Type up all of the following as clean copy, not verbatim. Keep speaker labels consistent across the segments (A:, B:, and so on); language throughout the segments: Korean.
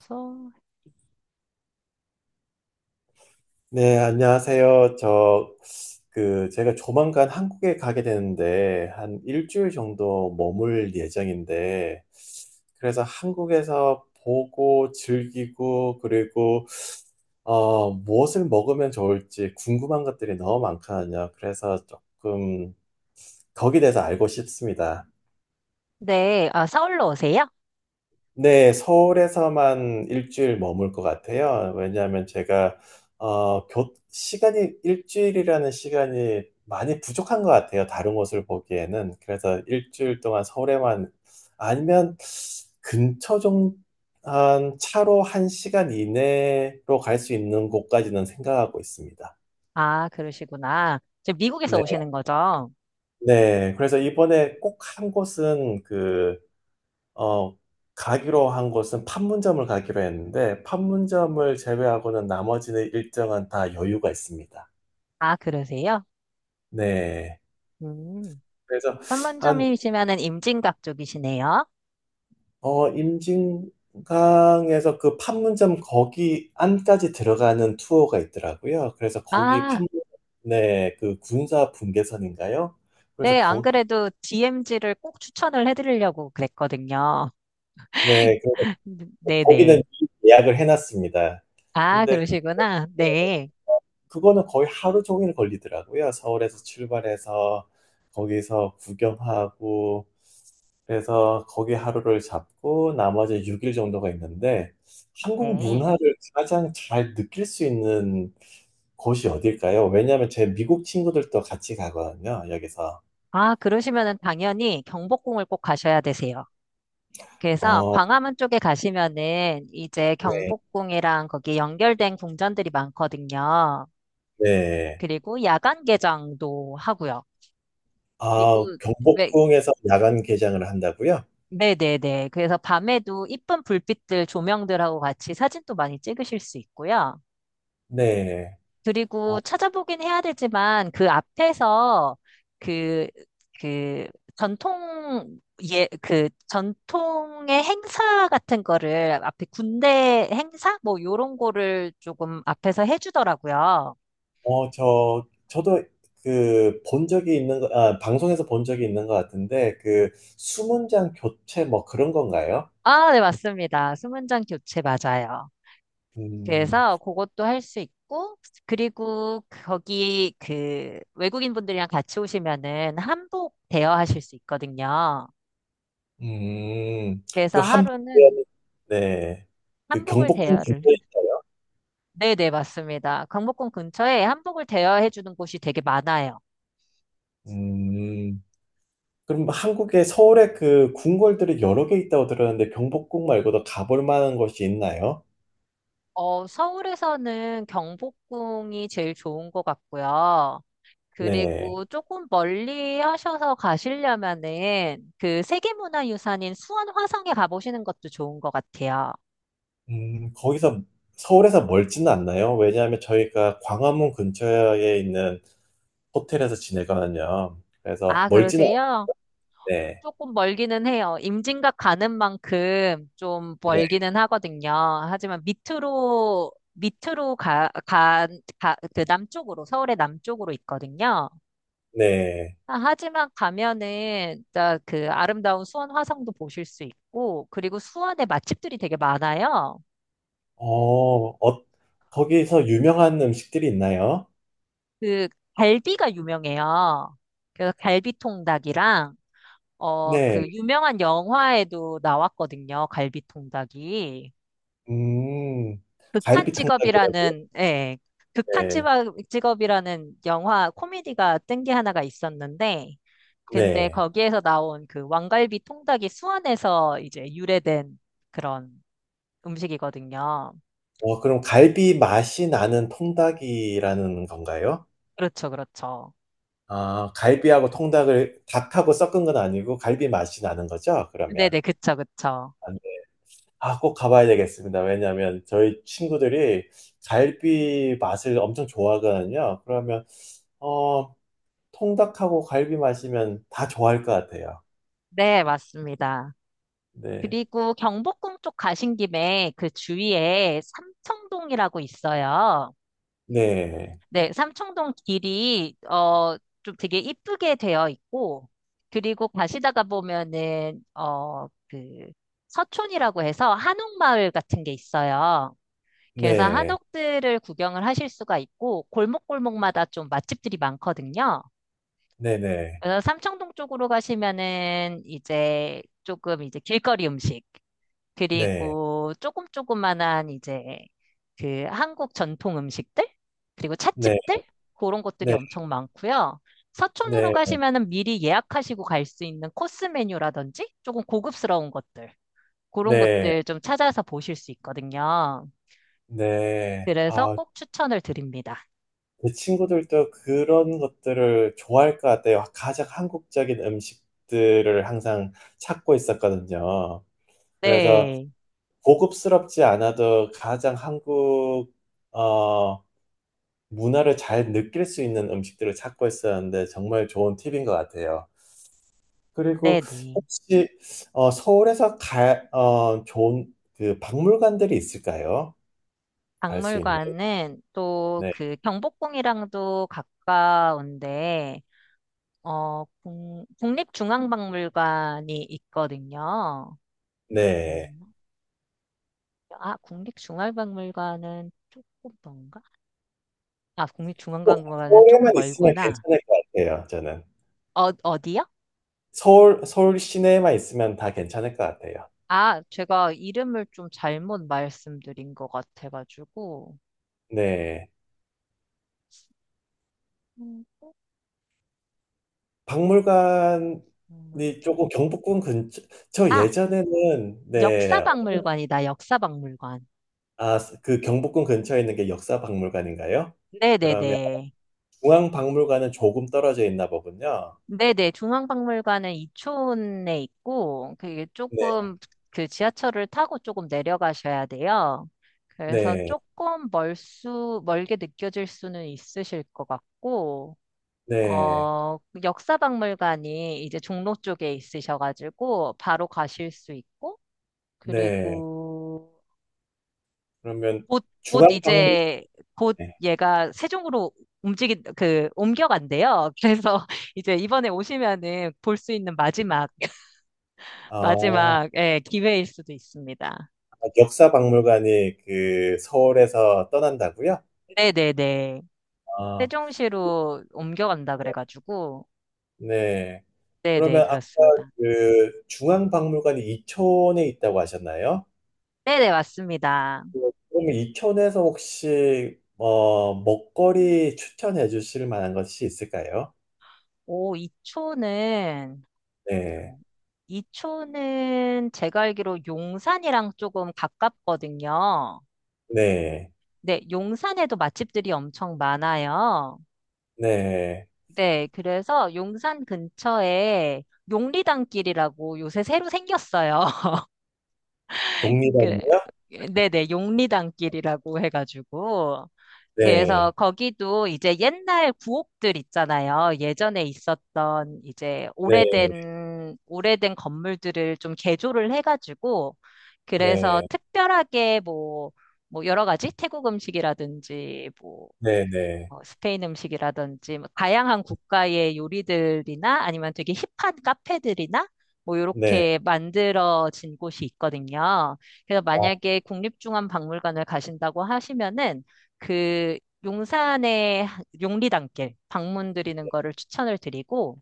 A: 서-
B: 네, 안녕하세요. 저, 그, 제가 조만간 한국에 가게 되는데, 한 일주일 정도 머물 예정인데, 그래서 한국에서 보고 즐기고, 그리고, 무엇을 먹으면 좋을지 궁금한 것들이 너무 많거든요. 그래서 조금 거기에 대해서 알고 싶습니다.
A: 네, 아, 서울로 오세요?
B: 네, 서울에서만 일주일 머물 것 같아요. 왜냐하면 제가 시간이 일주일이라는 시간이 많이 부족한 것 같아요. 다른 곳을 보기에는. 그래서 일주일 동안 서울에만 아니면 근처 좀 한 차로 한 시간 이내로 갈 수 있는 곳까지는 생각하고 있습니다.
A: 아, 그러시구나. 지금 미국에서
B: 네,
A: 오시는 거죠?
B: 네. 그래서 이번에 꼭 한 곳은 어, 가기로 한 곳은 판문점을 가기로 했는데, 판문점을 제외하고는 나머지는 일정은 다 여유가 있습니다.
A: 아, 그러세요?
B: 네.
A: 음,
B: 그래서 한,
A: 판문점이시면은 임진각 쪽이시네요.
B: 임진강에서 그 판문점 거기 안까지 들어가는 투어가 있더라고요. 그래서 거기
A: 아,
B: 네, 그 군사 분계선인가요? 그래서
A: 네, 안
B: 거기,
A: 그래도 DMZ를 꼭 추천을 해드리려고 그랬거든요.
B: 네, 그래서 거기는
A: 네네.
B: 이미 예약을 해놨습니다.
A: 아,
B: 근데 그
A: 그러시구나. 네.
B: 그거는 거의 하루 종일 걸리더라고요. 서울에서 출발해서 거기서 구경하고 그래서 거기 하루를 잡고 나머지 6일 정도가 있는데 한국
A: 네.
B: 문화를 가장 잘 느낄 수 있는 곳이 어딜까요? 왜냐하면 제 미국 친구들도 같이 가거든요. 여기서.
A: 아, 그러시면은 당연히 경복궁을 꼭 가셔야 되세요. 그래서
B: 어,
A: 광화문 쪽에 가시면은 이제
B: 네,
A: 경복궁이랑 거기 연결된 궁전들이 많거든요.
B: 네.
A: 그리고 야간 개장도 하고요.
B: 아,
A: 그리고 네,
B: 경복궁에서 야간 개장을 한다고요?
A: 네네네. 그래서 밤에도 이쁜 불빛들, 조명들하고 같이 사진도 많이 찍으실 수 있고요.
B: 네. 어,
A: 그리고 찾아보긴 해야 되지만 그 앞에서 그, 그 전통, 예, 그 전통의 행사 같은 거를 앞에 군대 행사? 뭐 요런 거를 조금 앞에서 해주더라고요.
B: 저도 본 적이 있는, 아, 방송에서 본 적이 있는 것 같은데, 수문장 교체 뭐 그런 건가요?
A: 아, 네, 맞습니다. 수문장 교체 맞아요.
B: 음.
A: 그래서 그것도 할 수 있고, 그리고 거기 그 외국인 분들이랑 같이 오시면은 한복 대여하실 수 있거든요.
B: 음. 그
A: 그래서
B: 한복,
A: 하루는
B: 네. 그
A: 한복을
B: 경복궁
A: 대여를
B: 근처에
A: 해.
B: 있어요.
A: 네네, 맞습니다. 경복궁 근처에 한복을 대여해 주는 곳이 되게 많아요.
B: 음, 그럼 한국에, 서울에 그 궁궐들이 여러 개 있다고 들었는데, 경복궁 말고도 가볼 만한 곳이 있나요?
A: 어, 서울에서는 경복궁이 제일 좋은 것 같고요.
B: 네.
A: 그리고 조금 멀리 하셔서 가시려면은 그 세계문화유산인 수원 화성에 가보시는 것도 좋은 것 같아요.
B: 거기서 서울에서 멀지는 않나요? 왜냐하면 저희가 광화문 근처에 있는 호텔에서 지내거든요. 그래서
A: 아,
B: 멀지는
A: 그러세요?
B: 않네.
A: 조금 멀기는 해요. 임진각 가는 만큼 좀
B: 네, 네.
A: 멀기는 하거든요. 하지만 밑으로 그 남쪽으로, 서울의 남쪽으로 있거든요.
B: 네.
A: 아, 하지만 가면은 진짜 그 아름다운 수원 화성도 보실 수 있고, 그리고 수원에 맛집들이 되게 많아요.
B: 어, 어, 거기서 유명한 음식들이 있나요?
A: 그 갈비가 유명해요. 그래서 갈비통닭이랑, 어, 그
B: 네.
A: 유명한 영화에도 나왔거든요. 갈비통닭이.
B: 음,
A: 극한
B: 갈비 통닭이라고?
A: 직업이라는, 예,
B: 네,
A: 직업이라는 영화 코미디가 뜬 게 하나가 있었는데, 근데
B: 네.
A: 거기에서 나온 그 왕갈비 통닭이 수원에서 이제 유래된 그런 음식이거든요.
B: 그럼 갈비 맛이 나는 통닭이라는 건가요?
A: 그렇죠, 그렇죠.
B: 아, 갈비하고 통닭을 닭하고 섞은 건 아니고 갈비 맛이 나는 거죠? 그러면.
A: 네네, 그쵸, 그쵸.
B: 아, 꼭 가봐야 되겠습니다. 왜냐하면 저희 친구들이 갈비 맛을 엄청 좋아하거든요. 그러면 어, 통닭하고 갈비 맛이면 다 좋아할 것 같아요.
A: 네, 맞습니다.
B: 네,
A: 그리고 경복궁 쪽 가신 김에 그 주위에 삼청동이라고 있어요.
B: 네,
A: 네, 삼청동 길이 어 좀 되게 이쁘게 되어 있고 그리고 가시다가 보면은 어 그 서촌이라고 해서 한옥마을 같은 게 있어요. 그래서
B: 네,
A: 한옥들을 구경을 하실 수가 있고 골목골목마다 좀 맛집들이 많거든요.
B: 네, 네,
A: 그래서 삼청동 쪽으로 가시면은 이제 조금 이제 길거리 음식
B: 네,
A: 그리고 조금 조그만한 이제 그 한국 전통 음식들 그리고
B: 네,
A: 찻집들 그런 것들이
B: 네,
A: 엄청 많고요. 서촌으로
B: 네,
A: 가시면은 미리 예약하시고 갈 수 있는 코스 메뉴라든지 조금 고급스러운 것들 그런
B: 네,
A: 것들 좀 찾아서 보실 수 있거든요.
B: 네.
A: 그래서
B: 아,
A: 꼭 추천을 드립니다.
B: 제 친구들도 그런 것들을 좋아할 것 같아요. 가장 한국적인 음식들을 항상 찾고 있었거든요. 그래서
A: 네,
B: 고급스럽지 않아도 가장 한국 어, 문화를 잘 느낄 수 있는 음식들을 찾고 있었는데 정말 좋은 팁인 것 같아요. 그리고
A: 네네.
B: 혹시 서울에서 좋은 그 박물관들이 있을까요? 갈 수 있는.
A: 박물관은 또
B: 네.
A: 그 경복궁이랑도 가까운데 어, 국립중앙박물관이 있거든요.
B: 네.
A: 맞나? 아, 국립중앙박물관은 조금 먼가? 아,
B: 어,
A: 국립중앙박물관은 조금
B: 서울에만 있으면
A: 멀구나.
B: 괜찮을 것 같아요, 저는.
A: 어, 어디요?
B: 서울 시내에만 있으면 다 괜찮을 것 같아요.
A: 아, 제가 이름을 좀 잘못 말씀드린 것 같아가지고.
B: 네.
A: 음,
B: 박물관이
A: 박물관.
B: 조금 경복궁 근처, 저
A: 아,
B: 예전에는, 네,
A: 역사박물관이다, 역사박물관.
B: 아, 그 경복궁 근처에 있는 게 역사박물관인가요? 그러면
A: 네네네.
B: 중앙박물관은 조금 떨어져 있나 보군요.
A: 네네, 중앙박물관은 이촌에 있고, 그게
B: 네,
A: 조금 그 지하철을 타고 조금 내려가셔야 돼요. 그래서
B: 네,
A: 조금 멀게 느껴질 수는 있으실 것 같고,
B: 네,
A: 어, 역사박물관이 이제 종로 쪽에 있으셔가지고, 바로 가실 수 있고,
B: 네.
A: 그리고
B: 그러면
A: 곧, 곧
B: 중앙박물관,
A: 이제, 곧
B: 네.
A: 얘가 세종으로 움직 그, 옮겨간대요. 그래서 이제 이번에 오시면은 볼 수 있는
B: 아,
A: 예, 기회일 수도 있습니다.
B: 역사박물관이 그 서울에서 떠난다고요?
A: 네네네.
B: 아,
A: 세종시로 옮겨간다 그래가지고.
B: 네.
A: 네네,
B: 그러면 아까
A: 그렇습니다.
B: 그 중앙박물관이 이촌에 있다고 하셨나요?
A: 네네, 맞습니다.
B: 그럼 이천에서 혹시 먹거리 추천해 주실 만한 것이 있을까요?
A: 오,
B: 네,
A: 이초는 제가 알기로 용산이랑 조금 가깝거든요.
B: 네,
A: 네, 용산에도 맛집들이 엄청 많아요.
B: 네.
A: 네, 그래서 용산 근처에 용리단길이라고 요새 새로 생겼어요. 그래.
B: 독립원이요?
A: 네네, 용리단길이라고 해가지고. 그래서
B: 네,
A: 거기도 이제 옛날 구옥들 있잖아요. 예전에 있었던 이제
B: 네,
A: 오래된 건물들을 좀 개조를 해가지고, 그래서
B: 네,
A: 특별하게 뭐, 뭐 여러 가지 태국 음식이라든지 뭐
B: 네, 네,
A: 어, 스페인 음식이라든지 뭐 다양한 국가의 요리들이나 아니면 되게 힙한 카페들이나 뭐
B: 네.
A: 이렇게 만들어진 곳이 있거든요. 그래서
B: 어,
A: 만약에 국립중앙박물관을 가신다고 하시면은 그 용산의 용리단길 방문드리는 거를 추천을 드리고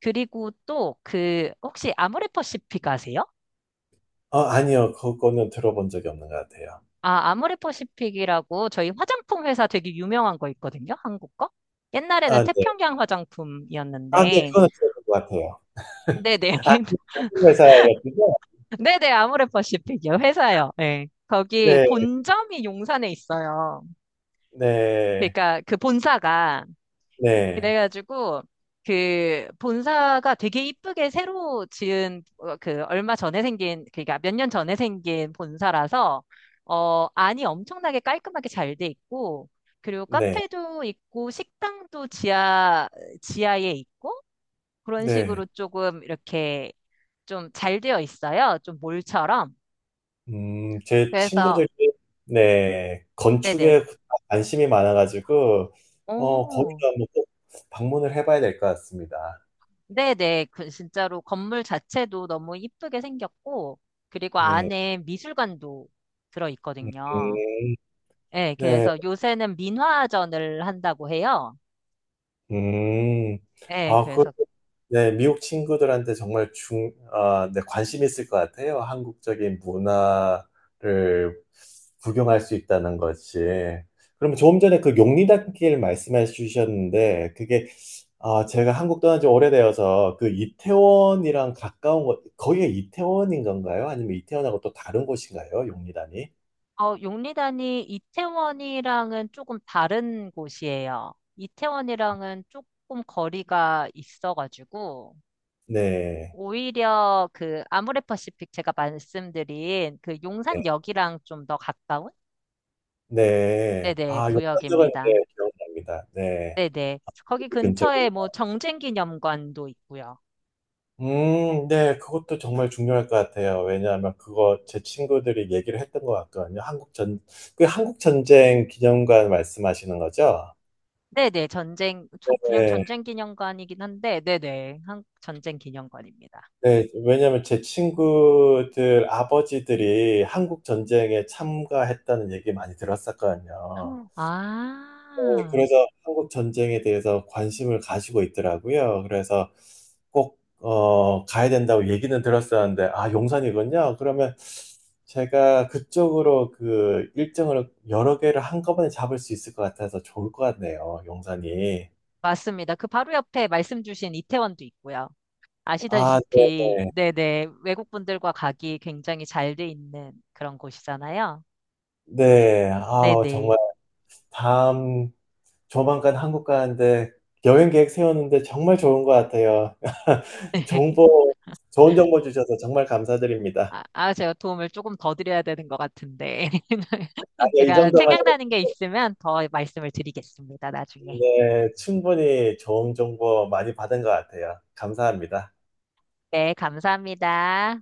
A: 그리고 또 그 혹시 아모레퍼시픽 아세요?
B: 아니요, 그거는 들어본 적이 없는 것 같아요.
A: 아, 아모레퍼시픽이라고 저희 화장품 회사 되게 유명한 거 있거든요. 한국 거? 옛날에는
B: 아, 네.
A: 태평양
B: 아, 네,
A: 화장품이었는데
B: 그거는 들어본 것 같아요.
A: 네네.
B: 아, 같은 회사였군요.
A: 네네, 아모레퍼시픽이요. 회사요. 예. 거기
B: 네,
A: 본점이 용산에 있어요.
B: 네,
A: 그러니까 그 본사가.
B: 네,
A: 그래가지고 그 본사가 되게 이쁘게 새로 지은 어, 그 얼마 전에 생긴, 그러니까 몇 년 전에 생긴 본사라서 어, 안이 엄청나게 깔끔하게 잘 돼 있고 그리고
B: 네,
A: 카페도 있고 식당도 지하에 있고 그런
B: 네.
A: 식으로 조금 이렇게 좀 잘 되어 있어요. 좀 몰처럼.
B: 제
A: 그래서,
B: 친구들이, 네,
A: 네네.
B: 건축에 관심이 많아가지고,
A: 오,
B: 거기도 한번 꼭 방문을 해봐야 될 것 같습니다.
A: 네네. 그 진짜로 건물 자체도 너무 이쁘게 생겼고, 그리고
B: 네,
A: 안에 미술관도 들어있거든요.
B: 음,
A: 예,
B: 네,
A: 그래서 요새는 민화전을 한다고 해요.
B: 음,
A: 예,
B: 아, 그,
A: 그래서,
B: 네, 미국 친구들한테 정말 아, 네, 관심 있을 것 같아요. 한국적인 문화를 구경할 수 있다는 것이. 그럼 조금 전에 그 용리단길 말씀해 주셨는데, 그게 아, 제가 한국 떠난 지 오래되어서 그 이태원이랑 가까운 곳, 거기가 이태원인 건가요? 아니면 이태원하고 또 다른 곳인가요? 용리단이?
A: 어, 용리단이 이태원이랑은 조금 다른 곳이에요. 이태원이랑은 조금 거리가 있어가지고,
B: 네.
A: 오히려 그 아모레퍼시픽 제가 말씀드린 그
B: 네.
A: 용산역이랑 좀 더 가까운
B: 네.
A: 네네,
B: 아, 용산역은
A: 구역입니다.
B: 네, 기억납니다. 네.
A: 네네.
B: 그
A: 거기
B: 근처.
A: 근처에 뭐 정쟁기념관도 있고요.
B: 네. 그것도 정말 중요할 것 같아요. 왜냐하면 그거 제 친구들이 얘기를 했던 것 같거든요. 그 한국 전쟁 기념관 말씀하시는 거죠?
A: 네네, 전쟁, 그냥
B: 네.
A: 전쟁기념관이긴 한데, 네네, 한, 전쟁기념관입니다.
B: 네, 왜냐면 제 친구들 아버지들이 한국 전쟁에 참가했다는 얘기 많이 들었었거든요. 네,
A: 아,
B: 그래서 한국 전쟁에 대해서 관심을 가지고 있더라고요. 그래서 꼭, 가야 된다고 얘기는 들었었는데, 아, 용산이군요. 그러면 제가 그쪽으로 그 일정을 여러 개를 한꺼번에 잡을 수 있을 것 같아서 좋을 것 같네요. 용산이.
A: 맞습니다. 그 바로 옆에 말씀 주신 이태원도 있고요.
B: 아, 네,
A: 아시다시피, 네네, 외국분들과 가기 굉장히 잘 돼 있는 그런 곳이잖아요.
B: 네. 아,
A: 네네.
B: 정말 다음 조만간 한국 가는데 여행 계획 세웠는데 정말 좋은 것 같아요. 정보, 좋은 정보 주셔서 정말 감사드립니다.
A: 아, 아, 제가 도움을 조금 더 드려야 되는 것 같은데.
B: 아니요, 이
A: 제가
B: 정도만 해도
A: 생각나는 게 있으면 더 말씀을 드리겠습니다, 나중에.
B: 네, 충분히 좋은 정보 많이 받은 것 같아요. 감사합니다.
A: 네, 감사합니다.